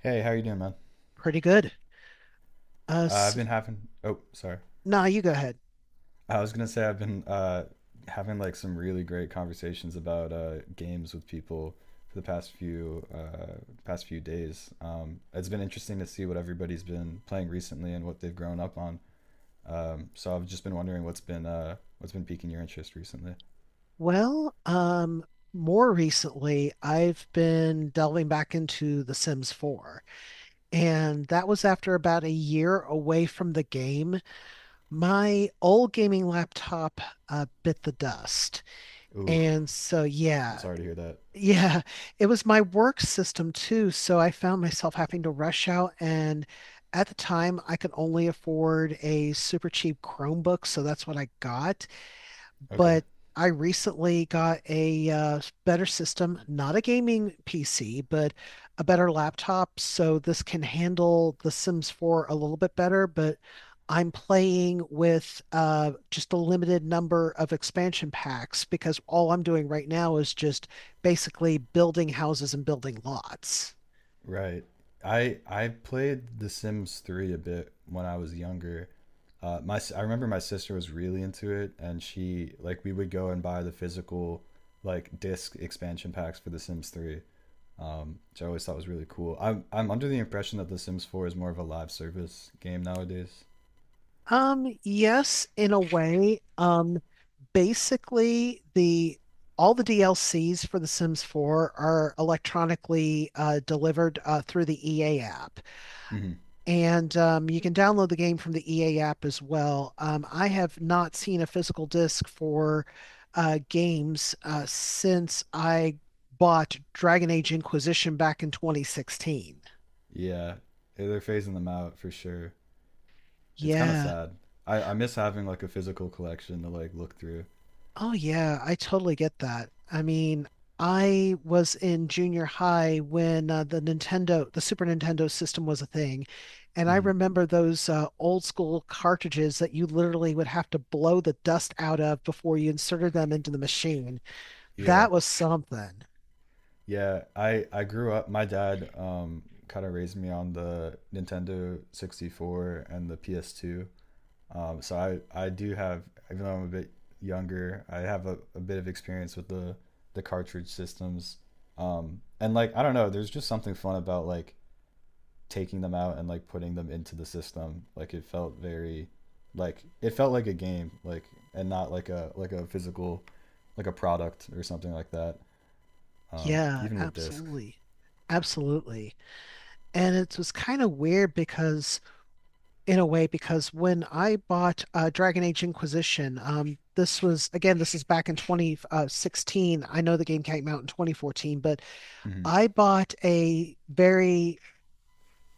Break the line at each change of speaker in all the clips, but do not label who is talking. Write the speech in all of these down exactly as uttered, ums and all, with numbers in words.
Hey, how you doing, man?
Pretty good. Uh,
Uh, I've
s
been having. Oh, sorry.
nah, you go ahead.
I was gonna say I've been uh, having like some really great conversations about uh, games with people for the past few uh, past few days. Um, it's been interesting to see what everybody's been playing recently and what they've grown up on. Um, so I've just been wondering what's been uh, what's been piquing your interest recently.
Well, um, More recently, I've been delving back into The Sims four, and that was after about a year away from the game. My old gaming laptop uh, bit the dust,
Ooh,
and so
I'm
yeah,
sorry to hear that.
yeah, it was my work system too. So I found myself having to rush out and. At the time, I could only afford a super cheap Chromebook, so that's what I got.
Okay.
But I recently got a uh, better system, not a gaming P C, but a better laptop. So this can handle The Sims four a little bit better, but I'm playing with uh, just a limited number of expansion packs because all I'm doing right now is just basically building houses and building lots.
Right. I I played The Sims three a bit when I was younger. Uh, my s- I remember my sister was really into it, and she like we would go and buy the physical like disc expansion packs for The Sims three, um, which I always thought was really cool. I'm I'm under the impression that The Sims four is more of a live service game nowadays.
Um, yes, in a way. Um, basically the all the D L Cs for The Sims four are electronically uh, delivered uh, through the E A app.
Hmm.
And um, you can download the game from the E A app as well. Um, I have not seen a physical disc for uh, games uh, since I bought Dragon Age Inquisition back in twenty sixteen.
Yeah, they're phasing them out for sure. It's kind of
Yeah.
sad. I I miss having like a physical collection to like look through.
Oh yeah, I totally get that. I mean, I was in junior high when uh, the Nintendo, the Super Nintendo system was a thing, and I
Hmm.
remember those uh, old school cartridges that you literally would have to blow the dust out of before you inserted them into the machine.
Yeah.
That was something.
Yeah, I I grew up. My dad um kind of raised me on the Nintendo sixty-four and the P S two. Um, so I I do have, even though I'm a bit younger, I have a, a bit of experience with the the cartridge systems. Um, and like I don't know, there's just something fun about like taking them out and like putting them into the system. Like it felt very, like it felt like a game, like and not like a like a physical, like a product or something like that. Um,
Yeah,
even with discs.
absolutely. Absolutely. And it was kind of weird because in a way because when I bought uh, Dragon Age Inquisition, um, this was again, this is back in twenty sixteen. I know the game came out in twenty fourteen, but
Hmm.
I bought a very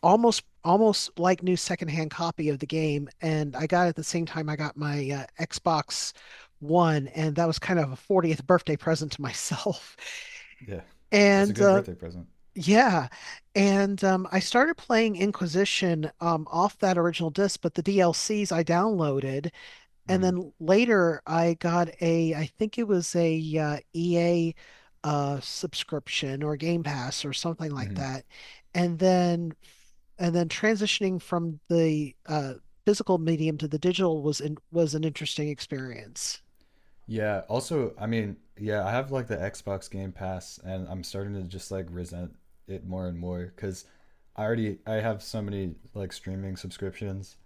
almost almost like new secondhand copy of the game, and I got it at the same time I got my uh, Xbox One, and that was kind of a fortieth birthday present to myself.
Yeah, that's a
And
good
uh,
birthday present.
yeah, and um, I started playing Inquisition um, off that original disc, but the D L Cs I downloaded and
Hmm.
then later I got a, I think it was a uh, E A uh, subscription or Game Pass or something like
Hmm.
that. And then and then transitioning from the uh, physical medium to the digital was in, was an interesting experience.
Yeah. Also, I mean, yeah, I have like the Xbox Game Pass, and I'm starting to just like resent it more and more because I already I have so many like streaming subscriptions.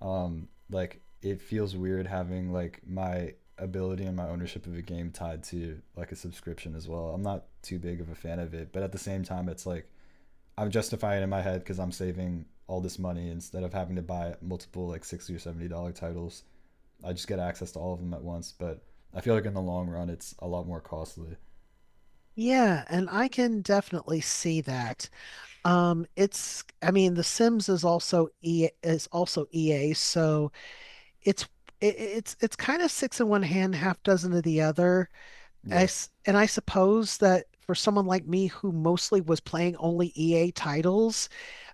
Um, like it feels weird having like my ability and my ownership of a game tied to like a subscription as well. I'm not too big of a fan of it, but at the same time, it's like I'm justifying it in my head because I'm saving all this money instead of having to buy multiple like sixty or seventy dollar titles. I just get access to all of them at once, but I feel like in the long run it's a lot more costly.
Yeah, and I can definitely see that. Um, it's I mean, The Sims is also E is also E A, so it's it, it's it's kind of six in one hand, half dozen of the other. I
Yeah,
s and I suppose that for someone like me who mostly was playing only E A titles,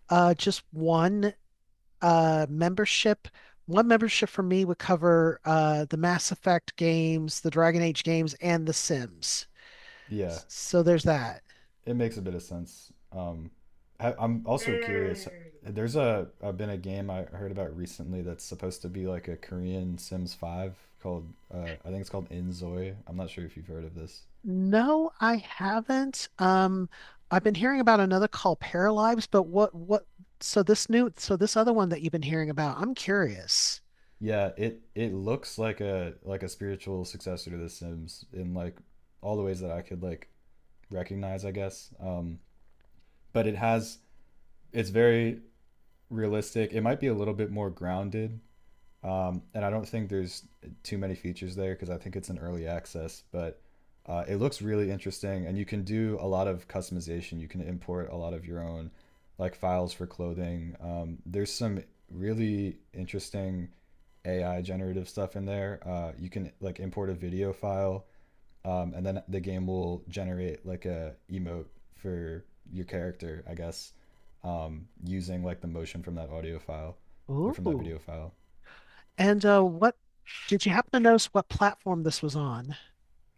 uh, just one uh membership, one membership for me would cover uh the Mass Effect games, the Dragon Age games, and The Sims.
yeah,
S- So there's that.
it makes a bit of sense. Um, I, I'm also curious. There's a I've been a game I heard about recently that's supposed to be like a Korean Sims Five called uh, I think it's called Inzoi. I'm not sure if you've heard of this.
No, I haven't. Um, I've been hearing about another called Paralives, but what what so this new so this other one that you've been hearing about, I'm curious.
Yeah, it it looks like a like a spiritual successor to The Sims in like all the ways that I could like recognize, I guess. Um, but it has it's very realistic. It might be a little bit more grounded, um, and I don't think there's too many features there because I think it's an early access. But uh, it looks really interesting, and you can do a lot of customization. You can import a lot of your own like files for clothing. Um, there's some really interesting A I generative stuff in there. Uh, you can like import a video file, um, and then the game will generate like a emote for your character, I guess, um, using like the motion from that audio file or from that video
Ooh.
file.
And uh, what did you happen to notice what platform this was on?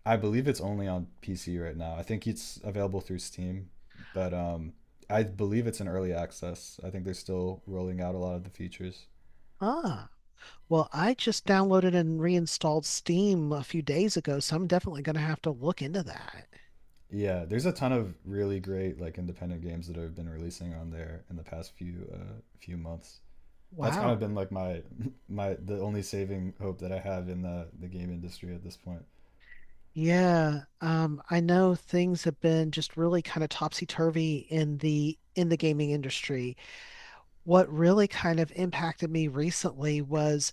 I believe it's only on P C right now. I think it's available through Steam, but um, I believe it's in early access. I think they're still rolling out a lot of the features.
Ah. Well, I just downloaded and reinstalled Steam a few days ago, so I'm definitely gonna have to look into that.
Yeah, there's a ton of really great like independent games that have been releasing on there in the past few uh, few months. That's kind of
Wow.
been like my my the only saving hope that I have in the the game industry at this point.
Yeah, um, I know things have been just really kind of topsy-turvy in the in the gaming industry. What really kind of impacted me recently was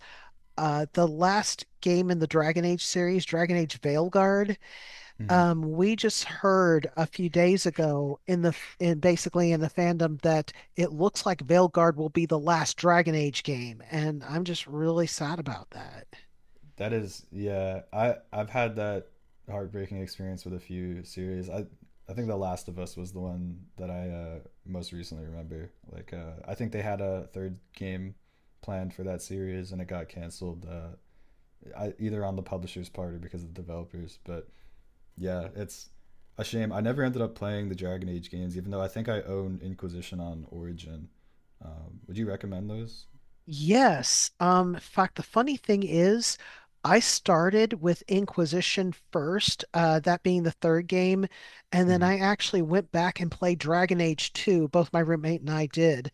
uh, the last game in the Dragon Age series, Dragon Age Veilguard.
Mm-hmm.
Um, we just heard a few days ago in the in basically in the fandom that it looks like Veilguard will be the last Dragon Age game, and I'm just really sad about that.
That is, yeah, I I've had that heartbreaking experience with a few series. I I think The Last of Us was the one that I uh, most recently remember. Like, uh, I think they had a third game planned for that series, and it got canceled. Uh, I, either on the publisher's part or because of the developers, but yeah, it's a shame. I never ended up playing the Dragon Age games, even though I think I own Inquisition on Origin. Um, would you recommend those?
Yes. Um, in fact, the funny thing is, I started with Inquisition first, uh, that being the third game, and then
Hmm.
I actually went back and played Dragon Age two, both my roommate and I did.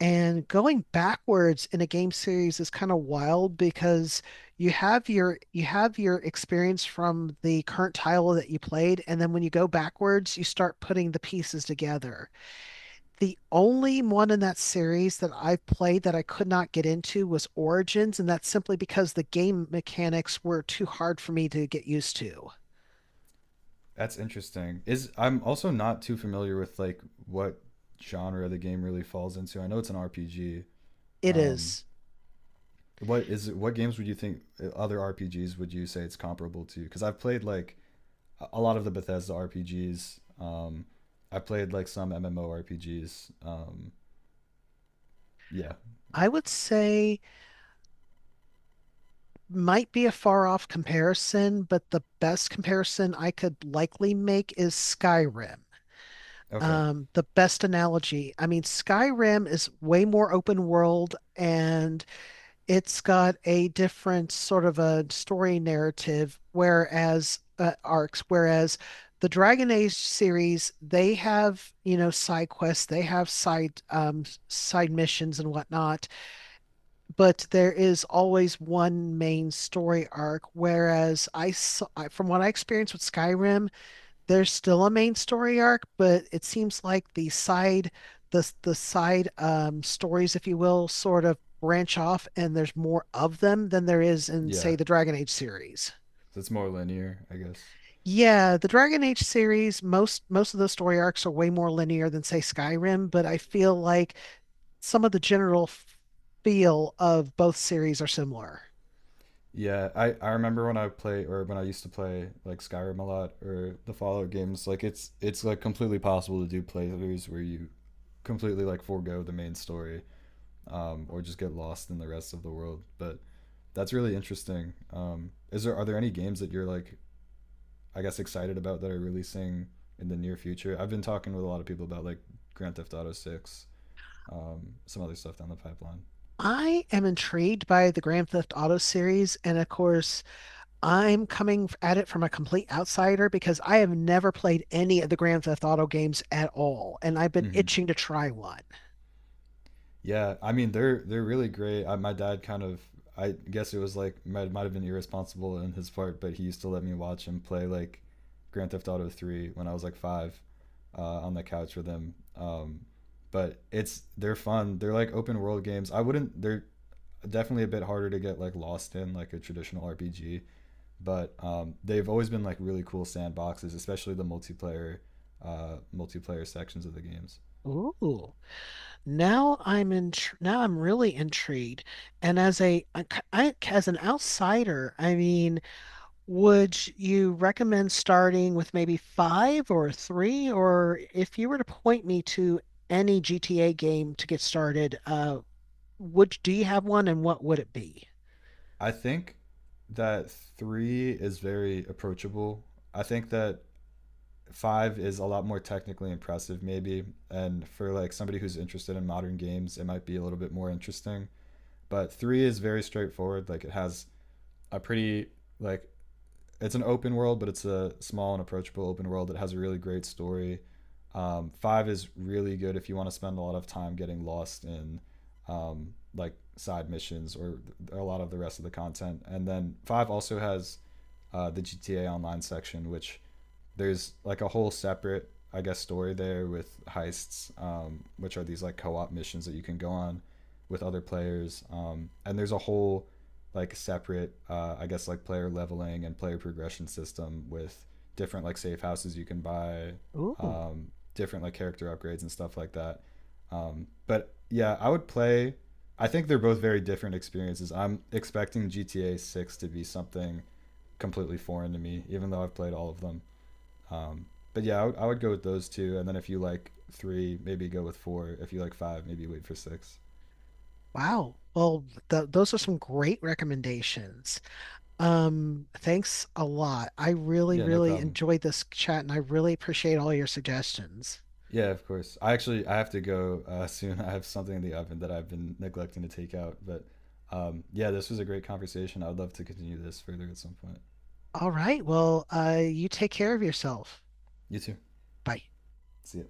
And going backwards in a game series is kind of wild because you have your you have your experience from the current title that you played, and then when you go backwards, you start putting the pieces together. The only one in that series that I've played that I could not get into was Origins, and that's simply because the game mechanics were too hard for me to get used to.
That's interesting. Is I'm also not too familiar with like what genre the game really falls into. I know it's an R P G.
It
Um,
is.
what is it, what games would you think uh, other R P Gs would you say it's comparable to? Because I've played like a lot of the Bethesda R P Gs. Um, I played like some M M O R P Gs. Um, yeah.
I would say, might be a far off comparison, but the best comparison I could likely make is Skyrim.
Okay.
Um, the best analogy. I mean, Skyrim is way more open world and it's got a different sort of a story narrative, whereas uh, arcs, whereas the Dragon Age series, they have, you know, side quests, they have side um, side missions and whatnot, but there is always one main story arc. Whereas I saw, I- from what I experienced with Skyrim, there's still a main story arc, but it seems like the side the the side um stories, if you will, sort of branch off and there's more of them than there is in,
Yeah.
say, the Dragon Age series.
So it's more linear, I guess.
Yeah, the Dragon Age series, most most of the story arcs are way more linear than say Skyrim, but I feel like some of the general f- feel of both series are similar.
Yeah, I, I remember when I play or when I used to play like Skyrim a lot or the Fallout games, like it's it's like completely possible to do playthroughs where you completely like forego the main story um, or just get lost in the rest of the world. But that's really interesting. Um, is there are there any games that you're like I guess excited about that are releasing in the near future? I've been talking with a lot of people about like Grand Theft Auto Six, um, some other stuff down the pipeline.
I am intrigued by the Grand Theft Auto series, and of course, I'm coming at it from a complete outsider because I have never played any of the Grand Theft Auto games at all, and I've been
Mm-hmm.
itching to try one.
Yeah, I mean they're they're really great. I, my dad kind of I guess it was like might might have been irresponsible in his part, but he used to let me watch him play like Grand Theft Auto three when I was like five uh, on the couch with him. Um, but it's they're fun. They're like open world games. I wouldn't they're definitely a bit harder to get like lost in like a traditional R P G, but um, they've always been like really cool sandboxes, especially the multiplayer uh, multiplayer sections of the games.
Ooh, now I'm in, now I'm really intrigued. And as a, a c- I- as an outsider, I mean, would you recommend starting with maybe five or three, or if you were to point me to any G T A game to get started, uh, would do you have one, and what would it be?
I think that three is very approachable. I think that five is a lot more technically impressive, maybe. And for like somebody who's interested in modern games, it might be a little bit more interesting. But three is very straightforward. Like it has a pretty like it's an open world, but it's a small and approachable open world that has a really great story. Um, five is really good if you want to spend a lot of time getting lost in um, like side missions or a lot of the rest of the content. And then five also has uh, the G T A Online section, which there's like a whole separate I guess story there with heists um, which are these like co-op missions that you can go on with other players um, and there's a whole like separate uh, I guess like player leveling and player progression system with different like safe houses you can buy
Ooh,
um, different like character upgrades and stuff like that um, but yeah I would play I think they're both very different experiences I'm expecting gta six to be something completely foreign to me even though I've played all of them, um, but yeah, I would, would go with those two, and then if you like three, maybe go with four. If you like five, maybe wait for six.
wow. Well, th those are some great recommendations. Um, thanks a lot. I really,
Yeah, no
really
problem.
enjoyed this chat and I really appreciate all your suggestions.
Yeah, of course. I actually I have to go uh, soon. I have something in the oven that I've been neglecting to take out. But um, yeah, this was a great conversation. I would love to continue this further at some point.
All right. Well, uh, you take care of yourself.
You too.
Bye.
See ya.